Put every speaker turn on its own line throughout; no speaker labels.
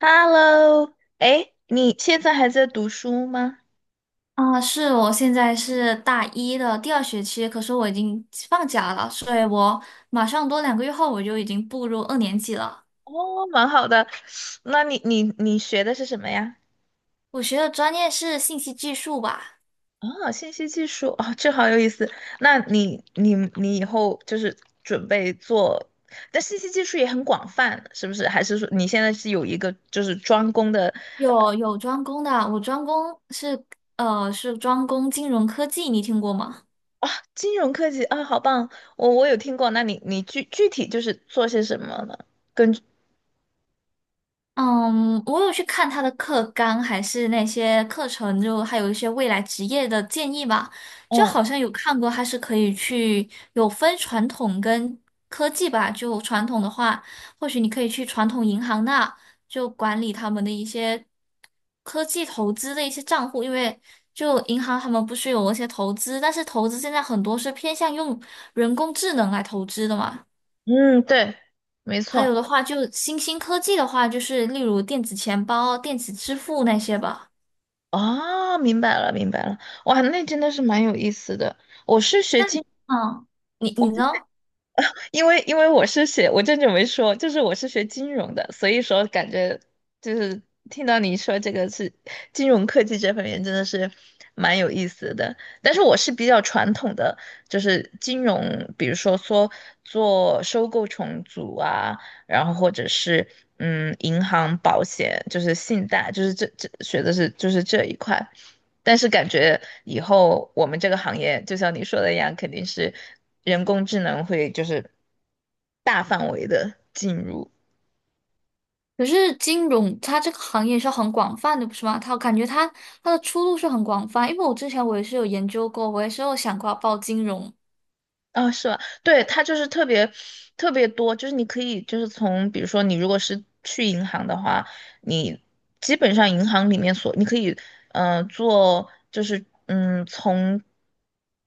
Hello，哎，你现在还在读书吗？
啊，我现在是大一的第二学期，可是我已经放假了，所以我马上多2个月后我就已经步入2年级了。
哦，蛮好的。那你学的是什么呀？
我学的专业是信息技术吧，
啊，信息技术，哦，这好有意思。那你以后就是准备做，但信息技术也很广泛，是不是？还是说你现在是有一个就是专攻的
有专攻的，我专攻是专攻金融科技，你听过吗？
啊？金融科技啊，好棒！我有听过。那你具体就是做些什么呢？根据，
嗯，我有去看他的课纲，还是那些课程，就还有一些未来职业的建议吧。就
嗯
好像有看过，他是可以去有分传统跟科技吧。就传统的话，或许你可以去传统银行那就管理他们的一些科技投资的一些账户，因为就银行他们不是有一些投资，但是投资现在很多是偏向用人工智能来投资的嘛。
嗯，对，没
还有
错。
的话，就新兴科技的话，就是例如电子钱包、电子支付那些吧。
哦，明白了，明白了，哇，那真的是蛮有意思的。我是学
那
金，
你嗯，你你呢？
因为我是学，我正准备说，就是我是学金融的，所以说感觉就是听到你说这个是金融科技这方面真的是蛮有意思的。但是我是比较传统的，就是金融，比如说做收购重组啊，然后或者是银行、保险，就是信贷，就是这学的是就是这一块。但是感觉以后我们这个行业，就像你说的一样，肯定是人工智能会就是大范围的进入。
可是金融它这个行业是很广泛的，不是吗？它感觉它的出路是很广泛，因为我之前也是有研究过，我也是有想过要报金融，
啊，是吧？对，它就是特别特别多，就是你可以就是从，比如说你如果是去银行的话，你基本上银行里面所你可以，做就是从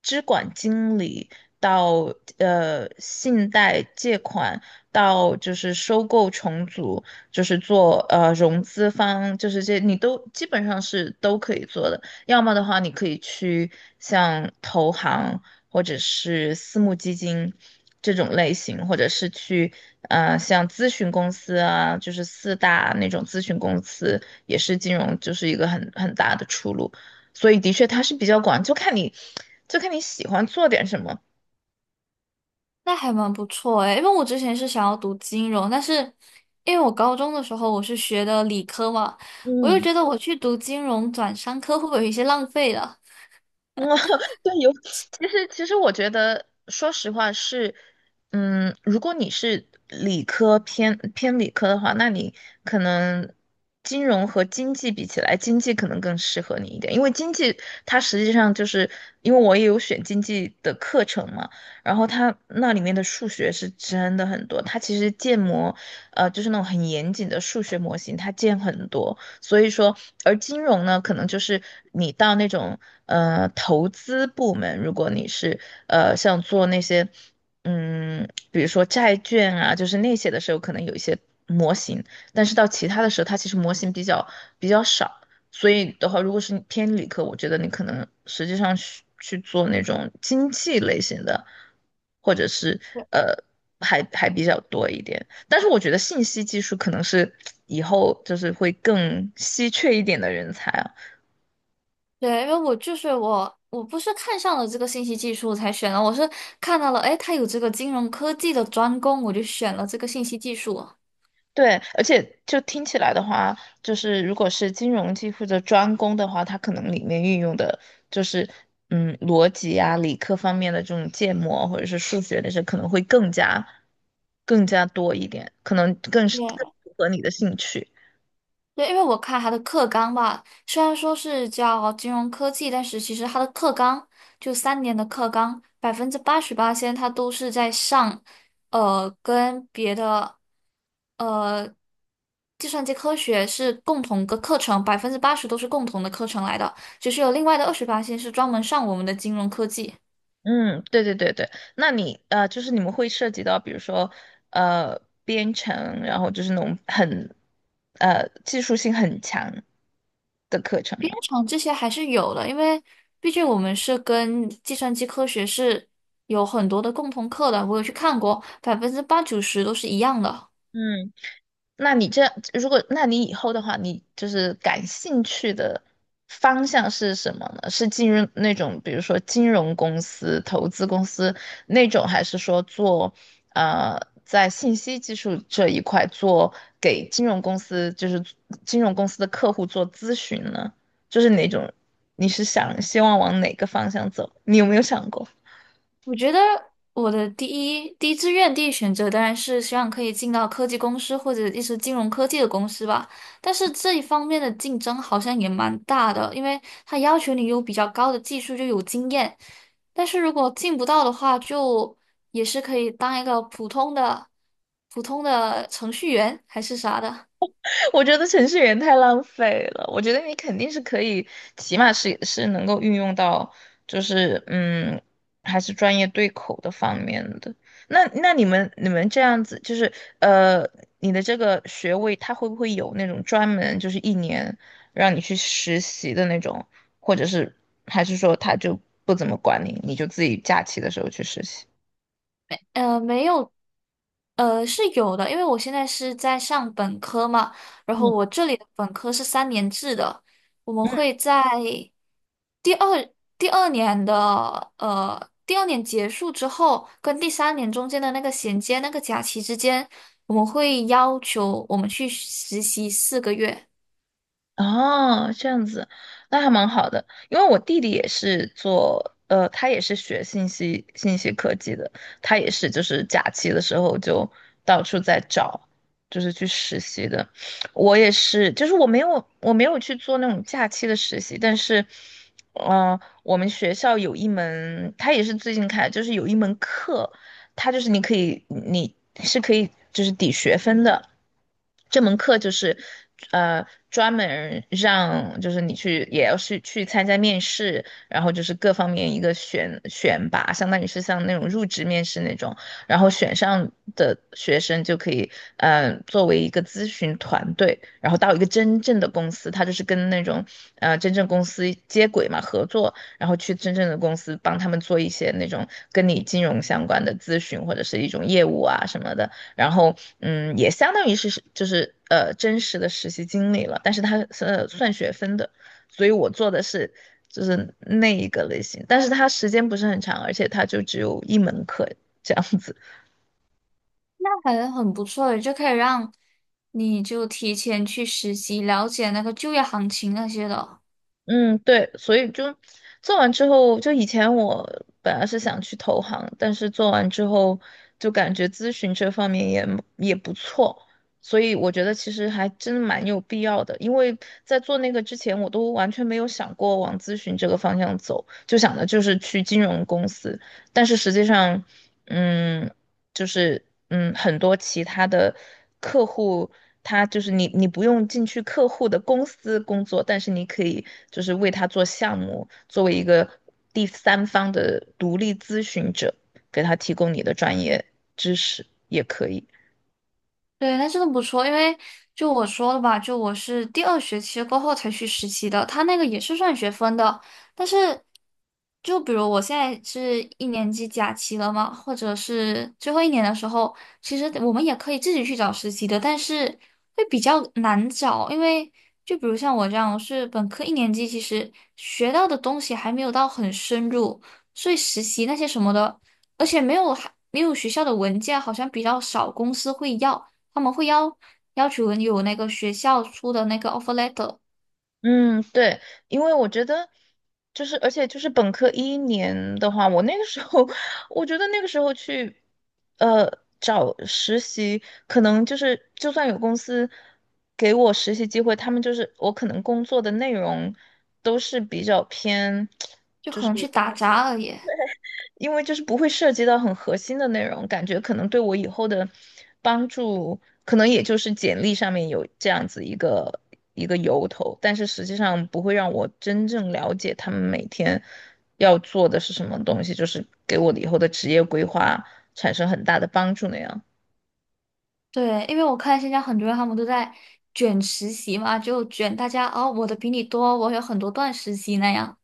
支管经理到信贷借款到就是收购重组，就是做融资方，就是这你都基本上是都可以做的。要么的话，你可以去像投行。或者是私募基金这种类型，或者是去像咨询公司啊，就是四大那种咨询公司，也是金融就是一个很大的出路。所以的确它是比较广，就看你喜欢做点什么。
那还蛮不错诶，因为我之前是想要读金融，但是因为我高中的时候我是学的理科嘛，我又
嗯，
觉得我去读金融转商科会不会有一些浪费了？
嗯，对，有。其实，我觉得，说实话是，如果你是理科偏理科的话，那你可能金融和经济比起来，经济可能更适合你一点，因为经济它实际上就是因为我也有选经济的课程嘛，然后它那里面的数学是真的很多，它其实建模，就是那种很严谨的数学模型，它建很多。所以说，而金融呢，可能就是你到那种投资部门，如果你是像做那些比如说债券啊，就是那些的时候，可能有一些模型，但是到其他的时候，它其实模型比较少。所以的话，如果是你偏理科，我觉得你可能实际上去做那种经济类型的，或者是呃，还比较多一点。但是我觉得信息技术可能是以后就是会更稀缺一点的人才啊。
对，因为我不是看上了这个信息技术才选的，我是看到了，哎，它有这个金融科技的专攻，我就选了这个信息技术。
对，而且就听起来的话，就是如果是金融技或者专攻的话，它可能里面运用的就是逻辑啊、理科方面的这种建模或者是数学那些，可能会更加更加多一点，可能
对
更符合你的兴趣。
对，因为我看他的课纲吧，虽然说是叫金融科技，但是其实他的课纲就三年的课纲，88%先它都是在上，呃，跟别的，呃，计算机科学是共同的课程，百分之八十都是共同的课程来的，只是有另外的28先是专门上我们的金融科技。
嗯，对对对对，那你就是你们会涉及到，比如说编程，然后就是那种很技术性很强的课程吗？
编程这些还是有的，因为毕竟我们是跟计算机科学是有很多的共同课的，我有去看过，80%-90%都是一样的。
嗯。那你这样，如果那你以后的话，你就是感兴趣的方向是什么呢？是进入那种比如说金融公司、投资公司那种，还是说做在信息技术这一块做给金融公司，就是金融公司的客户做咨询呢？就是哪种？你是想希望往哪个方向走？你有没有想过？
我觉得我的第一志愿、第一选择当然是希望可以进到科技公司或者一些金融科技的公司吧。但是这一方面的竞争好像也蛮大的，因为它要求你有比较高的技术，就有经验。但是如果进不到的话，就也是可以当一个普通的程序员还是啥的。
我觉得程序员太浪费了。我觉得你肯定是可以，起码是能够运用到，就是还是专业对口的方面的。那你们这样子，就是呃，你的这个学位，他会不会有那种专门就是一年让你去实习的那种，或者是还是说他就不怎么管你，你就自己假期的时候去实习？
没有是有的，因为我现在是在上本科嘛，然后
嗯。
我这里的本科是3年制的，我们
嗯，
会在第二第二年结束之后，跟第三年中间的那个衔接那个假期之间，我们会要求我们去实习4个月，
哦，这样子，那还蛮好的，因为我弟弟也是做，他也是学信息科技的，他也是就是假期的时候就到处在找，就是去实习的。我也是，就是我没有去做那种假期的实习，但是，嗯，我们学校有一门，他也是最近开，就是有一门课。它就是你可以，你是可以就是抵学分的。这门课就是，专门让就是你去也要去参加面试，然后就是各方面一个选拔，相当于是像那种入职面试那种，然后选上的学生就可以，作为一个咨询团队，然后到一个真正的公司，它就是跟那种真正公司接轨嘛，合作，然后去真正的公司帮他们做一些那种跟你金融相关的咨询或者是一种业务啊什么的，然后也相当于是就是真实的实习经历了，但是它是算学分的，所以我做的是就是那一个类型，但是它时间不是很长，而且它就只有一门课这样子。
那感觉很不错的，就可以让你就提前去实习，了解那个就业行情那些的。
嗯，对，所以就做完之后，就以前我本来是想去投行，但是做完之后就感觉咨询这方面也不错，所以我觉得其实还真的蛮有必要的，因为在做那个之前，我都完全没有想过往咨询这个方向走，就想的就是去金融公司，但是实际上，嗯。就是很多其他的客户，他就是你不用进去客户的公司工作，但是你可以就是为他做项目，作为一个第三方的独立咨询者，给他提供你的专业知识也可以。
对，那真的不错，因为就我说了吧，就我是第二学期过后才去实习的，他那个也是算学分的，但是就比如我现在是一年级假期了嘛，或者是最后一年的时候，其实我们也可以自己去找实习的，但是会比较难找，因为就比如像我这样，我是本科一年级，其实学到的东西还没有到很深入，所以实习那些什么的，而且没有还没有学校的文件，好像比较少公司会要。他们会要求你有那个学校出的那个 offer letter，
嗯，对，因为我觉得就是，而且就是本科一年的话，我那个时候，我觉得那个时候去，呃，找实习，可能就是就算有公司给我实习机会，他们就是我可能工作的内容都是比较偏。
就可能去打杂而已。
因为就是不会涉及到很核心的内容，感觉可能对我以后的帮助，可能也就是简历上面有这样子一个由头，但是实际上不会让我真正了解他们每天要做的是什么东西，就是给我的以后的职业规划产生很大的帮助那样。
对，因为我看现在很多人他们都在卷实习嘛，就卷大家哦，我的比你多，我有很多段实习那样。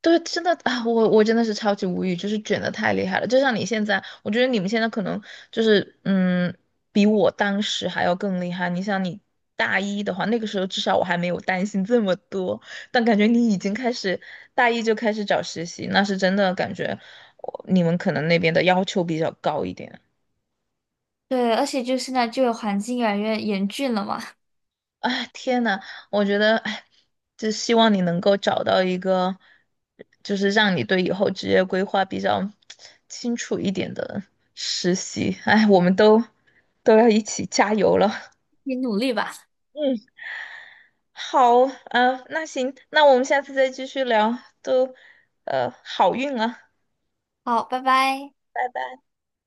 对，真的啊，我真的是超级无语，就是卷的太厉害了。就像你现在，我觉得你们现在可能就是，比我当时还要更厉害。你想，你大一的话，那个时候至少我还没有担心这么多，但感觉你已经开始大一就开始找实习，那是真的感觉我你们可能那边的要求比较高一点。
对，而且就现在就业环境越来越严峻了嘛，
哎，天呐，我觉得，哎，就希望你能够找到一个，就是让你对以后职业规划比较清楚一点的实习。哎，我们都要一起加油了。
你努力吧。
嗯，好，啊，那行，那我们下次再继续聊，都，好运啊，
好，拜拜。
拜拜。